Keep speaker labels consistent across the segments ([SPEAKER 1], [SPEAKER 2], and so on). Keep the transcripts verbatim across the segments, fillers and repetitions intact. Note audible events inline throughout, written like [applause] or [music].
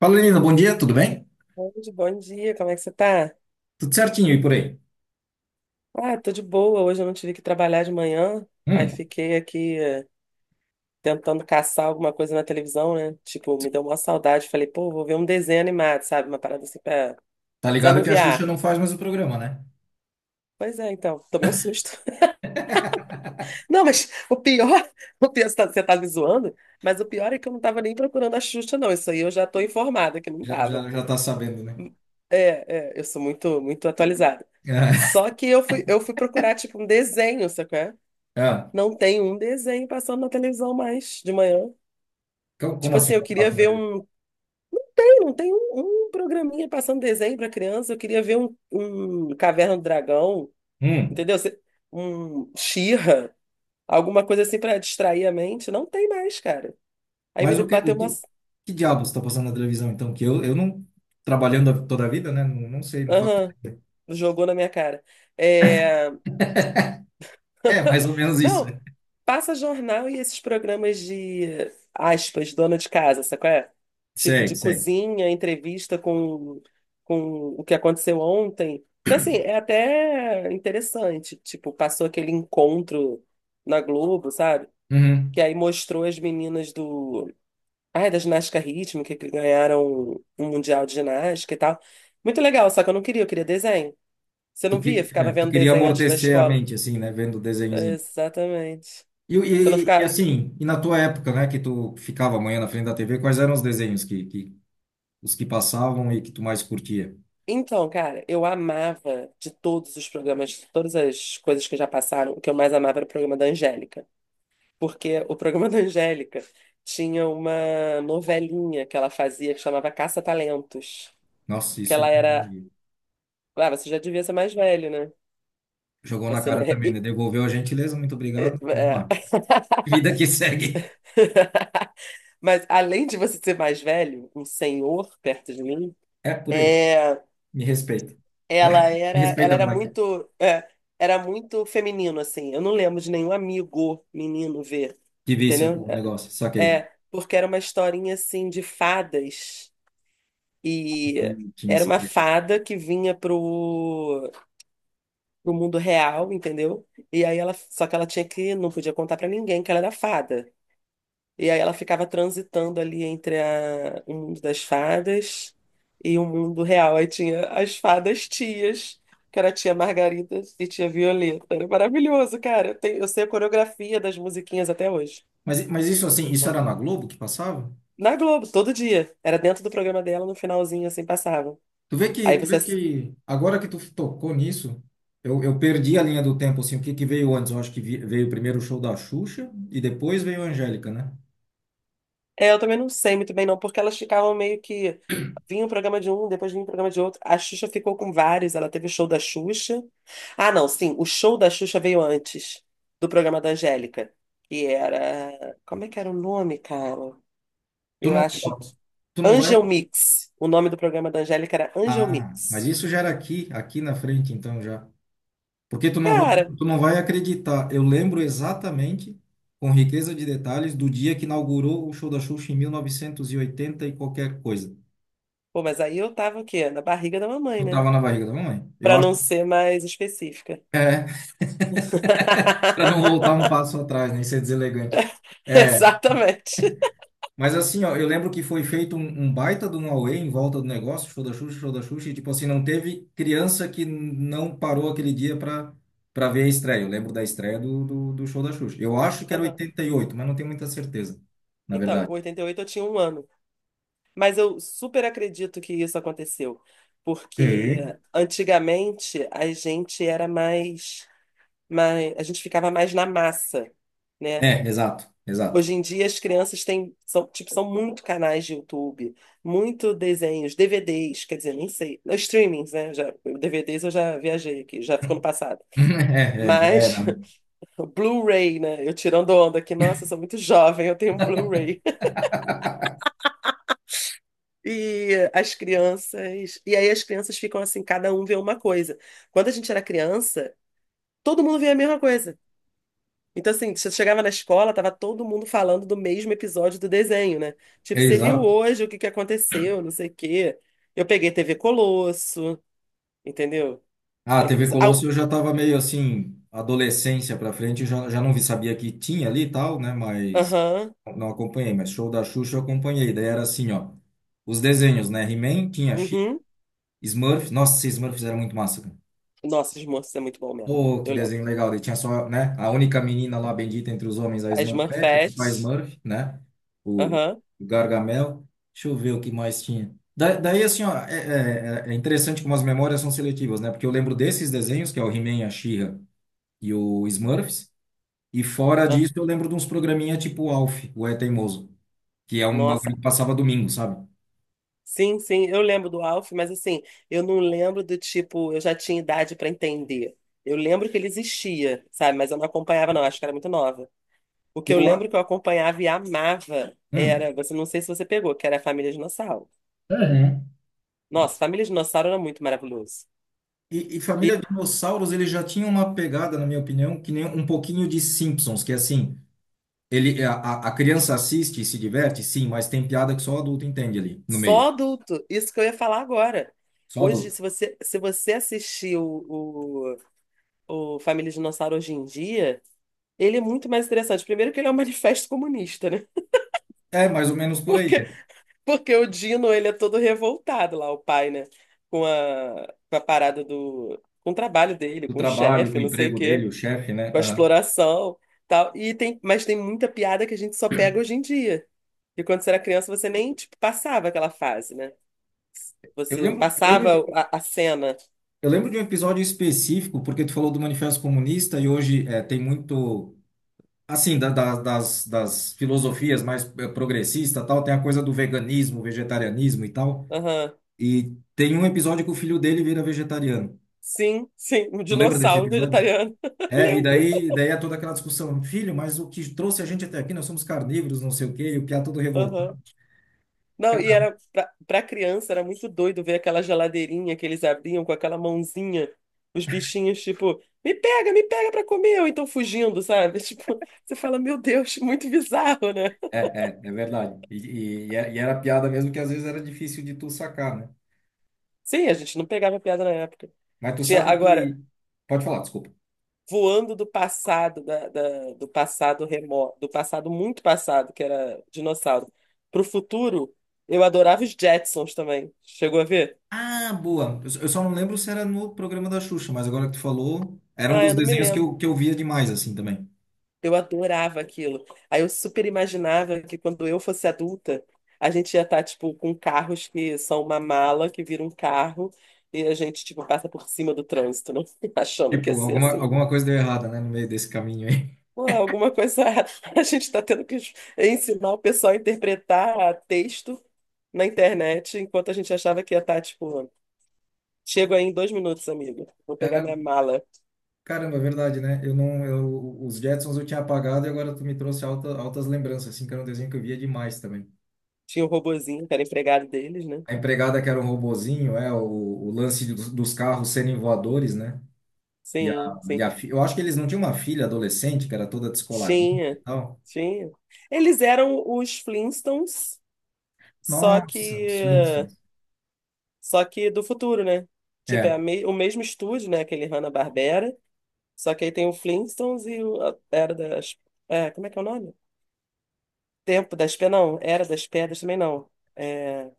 [SPEAKER 1] Fala, Lina, bom dia, tudo bem?
[SPEAKER 2] Oi, bom dia, como é que você tá?
[SPEAKER 1] Tudo certinho e por aí?
[SPEAKER 2] Ah, tô de boa. Hoje eu não tive que trabalhar de manhã, aí
[SPEAKER 1] Hum.
[SPEAKER 2] fiquei aqui eh, tentando caçar alguma coisa na televisão, né? Tipo, me deu uma saudade. Falei, pô, vou ver um desenho animado, sabe? Uma parada assim pra
[SPEAKER 1] Tá ligado que a Xuxa
[SPEAKER 2] desanuviar.
[SPEAKER 1] não faz mais o programa, né?
[SPEAKER 2] Pois é, então, tomei um susto. [laughs]
[SPEAKER 1] [laughs]
[SPEAKER 2] Não, mas o pior, [laughs] o pior, você tá você tá me zoando, mas o pior é que eu não tava nem procurando a Xuxa, não. Isso aí eu já tô informada que não
[SPEAKER 1] Já,
[SPEAKER 2] tava.
[SPEAKER 1] já, já tá sabendo, né?
[SPEAKER 2] É, é, eu sou muito, muito atualizada.
[SPEAKER 1] [laughs]
[SPEAKER 2] Só que eu fui, eu fui procurar, tipo, um desenho, sacou?
[SPEAKER 1] É, é.
[SPEAKER 2] Não tem um desenho passando na televisão mais de manhã.
[SPEAKER 1] Co- Como
[SPEAKER 2] Tipo
[SPEAKER 1] assim
[SPEAKER 2] assim, eu
[SPEAKER 1] não
[SPEAKER 2] queria
[SPEAKER 1] faz
[SPEAKER 2] ver
[SPEAKER 1] mais?
[SPEAKER 2] um. Tem, não tem um, um programinha passando desenho para criança. Eu queria ver um, um Caverna do Dragão,
[SPEAKER 1] Hum.
[SPEAKER 2] entendeu? Se- Um She-Ra, alguma coisa assim para distrair a mente. Não tem mais, cara. Aí me
[SPEAKER 1] Mas o que,
[SPEAKER 2] bateu
[SPEAKER 1] o que,
[SPEAKER 2] uma.
[SPEAKER 1] que diabos tá passando na televisão, então? Que eu, eu não, trabalhando a- toda a vida, né? Não, não sei, não faço
[SPEAKER 2] Aham,
[SPEAKER 1] ideia.
[SPEAKER 2] jogou na minha cara. É...
[SPEAKER 1] É,
[SPEAKER 2] [laughs]
[SPEAKER 1] mais ou menos isso,
[SPEAKER 2] Não,
[SPEAKER 1] né?
[SPEAKER 2] passa jornal e esses programas de, aspas, dona de casa, sabe qual é? Tipo
[SPEAKER 1] Sei,
[SPEAKER 2] de
[SPEAKER 1] sei.
[SPEAKER 2] cozinha, entrevista com, com o que aconteceu ontem. Então, assim, é até interessante. Tipo, passou aquele encontro na Globo, sabe? Que
[SPEAKER 1] Uhum.
[SPEAKER 2] aí mostrou as meninas do... Ai, da ginástica rítmica, que ganharam um mundial de ginástica e tal. Muito legal, só que eu não queria, eu queria desenho. Você não
[SPEAKER 1] Tu,
[SPEAKER 2] via?
[SPEAKER 1] que,
[SPEAKER 2] Ficava
[SPEAKER 1] é, tu
[SPEAKER 2] vendo
[SPEAKER 1] queria
[SPEAKER 2] desenho antes da
[SPEAKER 1] amortecer a
[SPEAKER 2] escola.
[SPEAKER 1] mente, assim, né? Vendo o desenhozinho.
[SPEAKER 2] Exatamente.
[SPEAKER 1] E,
[SPEAKER 2] Você não
[SPEAKER 1] e, e
[SPEAKER 2] ficava...
[SPEAKER 1] assim, e na tua época, né? Que tu ficava amanhã na frente da T V, quais eram os desenhos que, que os que passavam e que tu mais curtia.
[SPEAKER 2] Então, cara, eu amava de todos os programas, de todas as coisas que já passaram, o que eu mais amava era o programa da Angélica. Porque o programa da Angélica tinha uma novelinha que ela fazia que chamava Caça-Talentos.
[SPEAKER 1] Nossa,
[SPEAKER 2] Que
[SPEAKER 1] isso
[SPEAKER 2] ela era. Ah, você já devia ser mais velho, né?
[SPEAKER 1] jogou na
[SPEAKER 2] Você não. [laughs]
[SPEAKER 1] cara
[SPEAKER 2] é-
[SPEAKER 1] também,
[SPEAKER 2] é-
[SPEAKER 1] né? Devolveu a gentileza, muito obrigado. Vamos lá. Vida que [laughs] segue.
[SPEAKER 2] [laughs] Mas além de você ser mais velho, um senhor perto de mim.
[SPEAKER 1] É por aí.
[SPEAKER 2] É,
[SPEAKER 1] Me respeita,
[SPEAKER 2] Ela
[SPEAKER 1] né?
[SPEAKER 2] era,
[SPEAKER 1] Me
[SPEAKER 2] ela
[SPEAKER 1] respeita,
[SPEAKER 2] era
[SPEAKER 1] moleque.
[SPEAKER 2] muito, é, era muito feminino, assim. Eu não lembro de nenhum amigo menino ver,
[SPEAKER 1] Que vício
[SPEAKER 2] entendeu?
[SPEAKER 1] o negócio,
[SPEAKER 2] É,
[SPEAKER 1] saquei.
[SPEAKER 2] é, porque era uma historinha, assim, de fadas. E
[SPEAKER 1] Não tinha
[SPEAKER 2] era
[SPEAKER 1] essa
[SPEAKER 2] uma
[SPEAKER 1] pegada.
[SPEAKER 2] fada que vinha pro, pro mundo real, entendeu? E aí ela, só que ela tinha que, não podia contar pra ninguém que ela era fada. E aí ela ficava transitando ali entre a- o mundo das fadas e o mundo real. Aí tinha as fadas tias, que era a tia Margarida e tia Violeta. Era maravilhoso, cara. Eu, tenho- eu sei a coreografia das musiquinhas até hoje,
[SPEAKER 1] Mas, mas isso assim, isso
[SPEAKER 2] né?
[SPEAKER 1] era na Globo que passava?
[SPEAKER 2] Na Globo, todo dia. Era dentro do programa dela, no finalzinho assim passava.
[SPEAKER 1] Tu vê
[SPEAKER 2] Aí
[SPEAKER 1] que, tu
[SPEAKER 2] você.
[SPEAKER 1] vê que agora que tu tocou nisso, eu, eu perdi a linha do tempo, assim. O que que veio antes? Eu acho que vi- veio primeiro o show da Xuxa e depois veio a Angélica, né?
[SPEAKER 2] É, eu também não sei muito bem, não, porque elas ficavam meio que. Vinha um programa de um, depois vinha um programa de outro. A Xuxa ficou com vários, ela teve o show da Xuxa. Ah, não, sim, o show da Xuxa veio antes do programa da Angélica, que era. Como é que era o nome, cara?
[SPEAKER 1] Tu
[SPEAKER 2] Eu
[SPEAKER 1] não,
[SPEAKER 2] acho que.
[SPEAKER 1] tu não vai.
[SPEAKER 2] Angel Mix. O nome do programa da Angélica era Angel
[SPEAKER 1] Ah, mas
[SPEAKER 2] Mix.
[SPEAKER 1] isso já era aqui, aqui, na frente, então já. Porque tu não vai, tu,
[SPEAKER 2] Cara,
[SPEAKER 1] tu não vai acreditar. Eu lembro exatamente, com riqueza de detalhes, do dia que inaugurou o show da Xuxa em mil novecentos e oitenta e oitenta e qualquer coisa.
[SPEAKER 2] pô, mas aí eu tava o quê? Na barriga da mamãe,
[SPEAKER 1] Eu
[SPEAKER 2] né?
[SPEAKER 1] tava na barriga da mamãe. Eu
[SPEAKER 2] Pra
[SPEAKER 1] acho
[SPEAKER 2] não
[SPEAKER 1] que
[SPEAKER 2] ser mais específica.
[SPEAKER 1] para não voltar
[SPEAKER 2] [laughs]
[SPEAKER 1] um passo atrás, nem ser deselegante. É.
[SPEAKER 2] Exatamente.
[SPEAKER 1] Mas assim, ó, eu lembro que foi feito um, um, baita do Huawei em volta do negócio, show da Xuxa, show da Xuxa, e tipo assim, não teve criança que não parou aquele dia para para ver a estreia. Eu lembro da estreia do, do, do show da Xuxa. Eu acho que era
[SPEAKER 2] Aham.
[SPEAKER 1] oitenta e oito mas não tenho muita certeza, na
[SPEAKER 2] Então, em
[SPEAKER 1] verdade.
[SPEAKER 2] oitenta e oito eu tinha um ano. Mas eu super acredito que isso aconteceu. Porque
[SPEAKER 1] Sim.
[SPEAKER 2] antigamente a gente era mais, mais, a gente ficava mais na massa, né?
[SPEAKER 1] É, exato, exato.
[SPEAKER 2] Hoje em dia as crianças têm, são, tipo, são muito canais de YouTube, muito desenhos, D V Ds, quer dizer, nem sei, não, streamings, né? Já, D V Ds eu já viajei aqui, já ficou no passado.
[SPEAKER 1] [laughs] É, é, já
[SPEAKER 2] Mas
[SPEAKER 1] era, né?
[SPEAKER 2] [laughs] o Blu-ray, né? Eu tirando onda aqui, nossa, eu sou muito jovem, eu tenho um Blu-ray. E as crianças. E aí as crianças ficam assim, cada um vê uma coisa. Quando a gente era criança, todo mundo via a mesma coisa. Então, assim, você chegava na escola, tava todo mundo falando do mesmo episódio do desenho, né?
[SPEAKER 1] É,
[SPEAKER 2] Tipo, você viu
[SPEAKER 1] exato.
[SPEAKER 2] hoje o que que aconteceu, não sei o quê. Eu peguei T V Colosso, entendeu?
[SPEAKER 1] Ah, a
[SPEAKER 2] Peguei.
[SPEAKER 1] T V Colosso
[SPEAKER 2] Au,
[SPEAKER 1] eu já tava meio assim, adolescência pra frente, já, já não vi, sabia que tinha ali e tal, né? Mas
[SPEAKER 2] aham.
[SPEAKER 1] não acompanhei, mas show da Xuxa eu acompanhei. Daí era assim, ó. Os desenhos, né? He-Man, tinha She-Ra,
[SPEAKER 2] Uhum.
[SPEAKER 1] Smurfs. Nossa, esses Smurfs era muito massa, cara.
[SPEAKER 2] Nossa, os moços é muito bom mesmo.
[SPEAKER 1] Oh, que
[SPEAKER 2] Eu lembro.
[SPEAKER 1] desenho legal. Daí tinha só, né? A única menina lá bendita entre os homens, a
[SPEAKER 2] As
[SPEAKER 1] Smurfette, o papai
[SPEAKER 2] Smurfette.
[SPEAKER 1] Smurf, né? O
[SPEAKER 2] Aham.
[SPEAKER 1] o Gargamel. Deixa eu ver o que mais tinha. Da, daí, assim, ó, é, é, é interessante como as memórias são seletivas, né? Porque eu lembro desses desenhos, que é o He-Man, a She-Ra e o Smurfs. E fora
[SPEAKER 2] Ah,
[SPEAKER 1] disso, eu lembro de uns programinha tipo Alf, o É Teimoso, que é um bagulho
[SPEAKER 2] nossa,
[SPEAKER 1] que passava domingo, sabe?
[SPEAKER 2] sim, sim, eu lembro do Alf, mas assim, eu não lembro do tipo, eu já tinha idade para entender. Eu lembro que ele existia, sabe? Mas eu não acompanhava, não, acho que era muito nova. O que eu
[SPEAKER 1] Eu, a-
[SPEAKER 2] lembro que eu acompanhava e amava
[SPEAKER 1] hum.
[SPEAKER 2] era, você não sei se você pegou, que era a Família Dinossauro.
[SPEAKER 1] Uhum.
[SPEAKER 2] Nossa, Família Dinossauro era muito maravilhoso.
[SPEAKER 1] E, e
[SPEAKER 2] E
[SPEAKER 1] Família Dinossauros, ele já tinha uma pegada, na minha opinião, que nem um pouquinho de Simpsons, que é assim, ele, a, a a criança assiste e se diverte, sim, mas tem piada que só o adulto entende ali, no meio.
[SPEAKER 2] só adulto, isso que eu ia falar agora.
[SPEAKER 1] Só
[SPEAKER 2] Hoje,
[SPEAKER 1] adulto.
[SPEAKER 2] se você, se você, assistir o, o, o Família Dinossauro hoje em dia, ele é muito mais interessante. Primeiro que ele é um manifesto comunista, né?
[SPEAKER 1] É, mais ou menos
[SPEAKER 2] [laughs]
[SPEAKER 1] por aí.
[SPEAKER 2] Porque
[SPEAKER 1] É.
[SPEAKER 2] Porque o Dino, ele é todo revoltado lá, o pai, né? Com a, com a parada do... Com o trabalho dele,
[SPEAKER 1] O
[SPEAKER 2] com o
[SPEAKER 1] trabalho,
[SPEAKER 2] chefe,
[SPEAKER 1] o
[SPEAKER 2] não sei o
[SPEAKER 1] emprego
[SPEAKER 2] quê.
[SPEAKER 1] dele, o chefe, né?
[SPEAKER 2] Com a
[SPEAKER 1] Aham.
[SPEAKER 2] exploração, tal. E tem, mas tem muita piada que a gente só pega hoje em dia. E quando você era criança, você nem, tipo, passava aquela fase, né?
[SPEAKER 1] Eu
[SPEAKER 2] Você
[SPEAKER 1] lembro, eu lembro de,
[SPEAKER 2] passava
[SPEAKER 1] um-
[SPEAKER 2] a, a cena.
[SPEAKER 1] eu lembro de um episódio específico, porque tu falou do Manifesto Comunista e hoje é, tem muito. Assim, da- da- das, das filosofias mais eh, progressista, tal, tem a coisa do veganismo, vegetarianismo e tal.
[SPEAKER 2] Aham.
[SPEAKER 1] E tem um episódio que o filho dele vira vegetariano.
[SPEAKER 2] Sim, sim. Um
[SPEAKER 1] Tu lembra desse
[SPEAKER 2] dinossauro
[SPEAKER 1] episódio?
[SPEAKER 2] vegetariano. [laughs]
[SPEAKER 1] É, e
[SPEAKER 2] Lembro.
[SPEAKER 1] daí, daí é toda aquela discussão. Filho, mas o que trouxe a gente até aqui, nós somos carnívoros, não sei o quê, e o piá todo revoltado.
[SPEAKER 2] Não, e
[SPEAKER 1] Cara,
[SPEAKER 2] era pra, pra criança era muito doido ver aquela geladeirinha que eles abriam com aquela mãozinha, os bichinhos, tipo, me pega, me pega pra comer, ou então fugindo, sabe? [laughs] Tipo, você fala, meu Deus, [laughs] muito bizarro, né?
[SPEAKER 1] é, é, é verdade. E, e, e é- e era piada mesmo que às vezes era difícil de tu sacar, né?
[SPEAKER 2] Sim, a gente não pegava piada na época.
[SPEAKER 1] Mas tu
[SPEAKER 2] Tinha,
[SPEAKER 1] sabe
[SPEAKER 2] agora,
[SPEAKER 1] que... Pode falar, desculpa.
[SPEAKER 2] voando do passado, da, da- do passado remoto, do passado muito passado, que era dinossauro, pro futuro, eu adorava os Jetsons também. Chegou a ver?
[SPEAKER 1] Ah, boa. Eu eu só não lembro se era no programa da Xuxa, mas agora que tu falou, era um
[SPEAKER 2] Ah,
[SPEAKER 1] dos
[SPEAKER 2] eu não me
[SPEAKER 1] desenhos que
[SPEAKER 2] lembro.
[SPEAKER 1] eu, que eu via demais, assim, também.
[SPEAKER 2] Eu adorava aquilo. Aí eu super imaginava que quando eu fosse adulta, a gente ia estar, tipo, com carros que são uma mala que vira um carro e a gente, tipo, passa por cima do trânsito, não? [laughs] Achando que ia
[SPEAKER 1] Tipo,
[SPEAKER 2] ser
[SPEAKER 1] alguma,
[SPEAKER 2] assim.
[SPEAKER 1] alguma coisa deu errada, né, no meio desse caminho aí.
[SPEAKER 2] Pô, alguma coisa [laughs] a gente está tendo que ensinar o pessoal a interpretar texto na internet, enquanto a gente achava que ia estar, tipo, chego aí em dois minutos, amigo. Vou
[SPEAKER 1] [laughs]
[SPEAKER 2] pegar
[SPEAKER 1] Caramba,
[SPEAKER 2] minha mala.
[SPEAKER 1] caramba, é verdade, né? Eu não, eu, os Jetsons eu tinha apagado e agora tu me trouxe alta, altas lembranças, assim, que era um desenho que eu via demais também.
[SPEAKER 2] Tinha o robozinho, que era empregado deles, né?
[SPEAKER 1] A empregada que era um robozinho, é, o, o lance dos, dos carros serem voadores, né? E a,
[SPEAKER 2] Sim,
[SPEAKER 1] e
[SPEAKER 2] sim.
[SPEAKER 1] a, fi- eu acho que eles não tinham uma filha adolescente, que era toda descoladinha e
[SPEAKER 2] Tinha,
[SPEAKER 1] tal.
[SPEAKER 2] tinha. Eles eram os Flintstones, só
[SPEAKER 1] Nossa, os
[SPEAKER 2] que
[SPEAKER 1] Flintstones.
[SPEAKER 2] só que do futuro, né? Tipo, é
[SPEAKER 1] É.
[SPEAKER 2] a me- o mesmo estúdio, né? Aquele Hanna-Barbera, só que aí tem o Flintstones e o a Era das... É, como é que é o nome? Tempo das Pedras, não. Era das Pedras também não. É,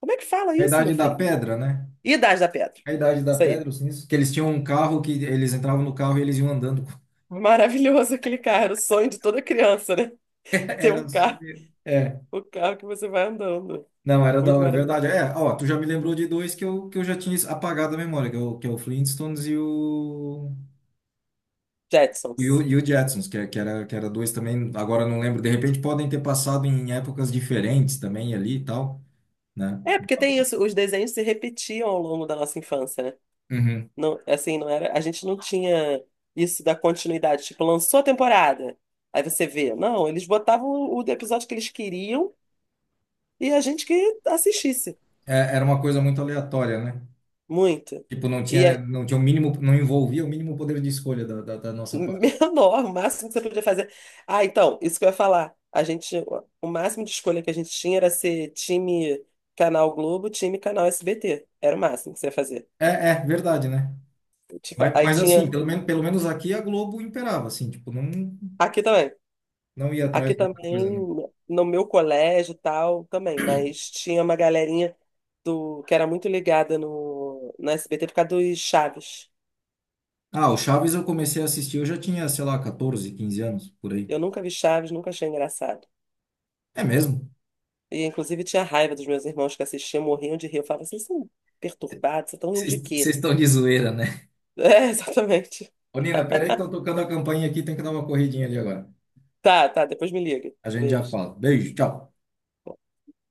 [SPEAKER 2] como é que fala
[SPEAKER 1] A
[SPEAKER 2] isso, meu
[SPEAKER 1] Idade da
[SPEAKER 2] filho?
[SPEAKER 1] Pedra, né?
[SPEAKER 2] Idade da Pedra.
[SPEAKER 1] A Idade da
[SPEAKER 2] Isso
[SPEAKER 1] Pedra,
[SPEAKER 2] aí.
[SPEAKER 1] os sinistros, que eles tinham um carro que eles entravam no carro e eles iam andando.
[SPEAKER 2] Maravilhoso aquele carro, era o sonho de toda criança, né?
[SPEAKER 1] [laughs]
[SPEAKER 2] Ter um
[SPEAKER 1] Era só
[SPEAKER 2] carro,
[SPEAKER 1] isso. É,
[SPEAKER 2] o carro que você vai andando.
[SPEAKER 1] não, era da
[SPEAKER 2] Muito
[SPEAKER 1] hora, é
[SPEAKER 2] maravilhoso.
[SPEAKER 1] verdade. É, ó, tu já me lembrou de dois que eu, que eu, já tinha apagado a memória, que é o, que é o, Flintstones e o, e o,
[SPEAKER 2] Jetsons.
[SPEAKER 1] e o Jetsons, que, é- que era, que era dois também, agora eu não lembro. De repente podem ter passado em épocas diferentes também ali e tal, né?
[SPEAKER 2] É, porque tem isso, os desenhos se repetiam ao longo da nossa infância, né?
[SPEAKER 1] Uhum.
[SPEAKER 2] Não, assim, não era, a gente não tinha isso da continuidade, tipo, lançou a temporada, aí você vê. Não, eles botavam o, o episódio que eles queriam e a gente que assistisse
[SPEAKER 1] É, era uma coisa muito aleatória, né?
[SPEAKER 2] muito.
[SPEAKER 1] Tipo, não
[SPEAKER 2] E
[SPEAKER 1] tinha,
[SPEAKER 2] aí,
[SPEAKER 1] não tinha o mínimo, não envolvia o mínimo poder de escolha da, da, da
[SPEAKER 2] [laughs]
[SPEAKER 1] nossa parte.
[SPEAKER 2] menor, o máximo que você podia fazer. Ah, então, isso que eu ia falar. A gente, o máximo de escolha que a gente tinha era ser time Canal Globo, time Canal S B T. Era o máximo que você ia fazer.
[SPEAKER 1] É, é verdade, né?
[SPEAKER 2] Tipo,
[SPEAKER 1] Mas,
[SPEAKER 2] aí
[SPEAKER 1] mas
[SPEAKER 2] tinha.
[SPEAKER 1] assim, pelo menos, pelo menos aqui a Globo imperava, assim, tipo, não,
[SPEAKER 2] Aqui também.
[SPEAKER 1] não ia
[SPEAKER 2] Aqui
[SPEAKER 1] atrás de outra
[SPEAKER 2] também,
[SPEAKER 1] coisa, não.
[SPEAKER 2] no meu colégio e tal, também, mas tinha uma galerinha do, que era muito ligada no, no S B T por causa dos Chaves.
[SPEAKER 1] Ah, o Chaves eu comecei a assistir, eu já tinha, sei lá, catorze, quinze anos, por aí.
[SPEAKER 2] Eu nunca vi Chaves, nunca achei engraçado.
[SPEAKER 1] É mesmo?
[SPEAKER 2] E, inclusive, tinha raiva dos meus irmãos que assistiam, morriam de rir. Eu falava, assim, vocês são perturbados, vocês estão rindo
[SPEAKER 1] Vocês
[SPEAKER 2] de
[SPEAKER 1] vocês
[SPEAKER 2] quê? [laughs]
[SPEAKER 1] estão de zoeira, né?
[SPEAKER 2] É, exatamente.
[SPEAKER 1] Ô, Nina, peraí que estão tocando a campainha aqui, tem que dar uma corridinha ali agora.
[SPEAKER 2] Tá, tá, depois me liga.
[SPEAKER 1] A gente já
[SPEAKER 2] Beijo.
[SPEAKER 1] fala. Beijo, tchau.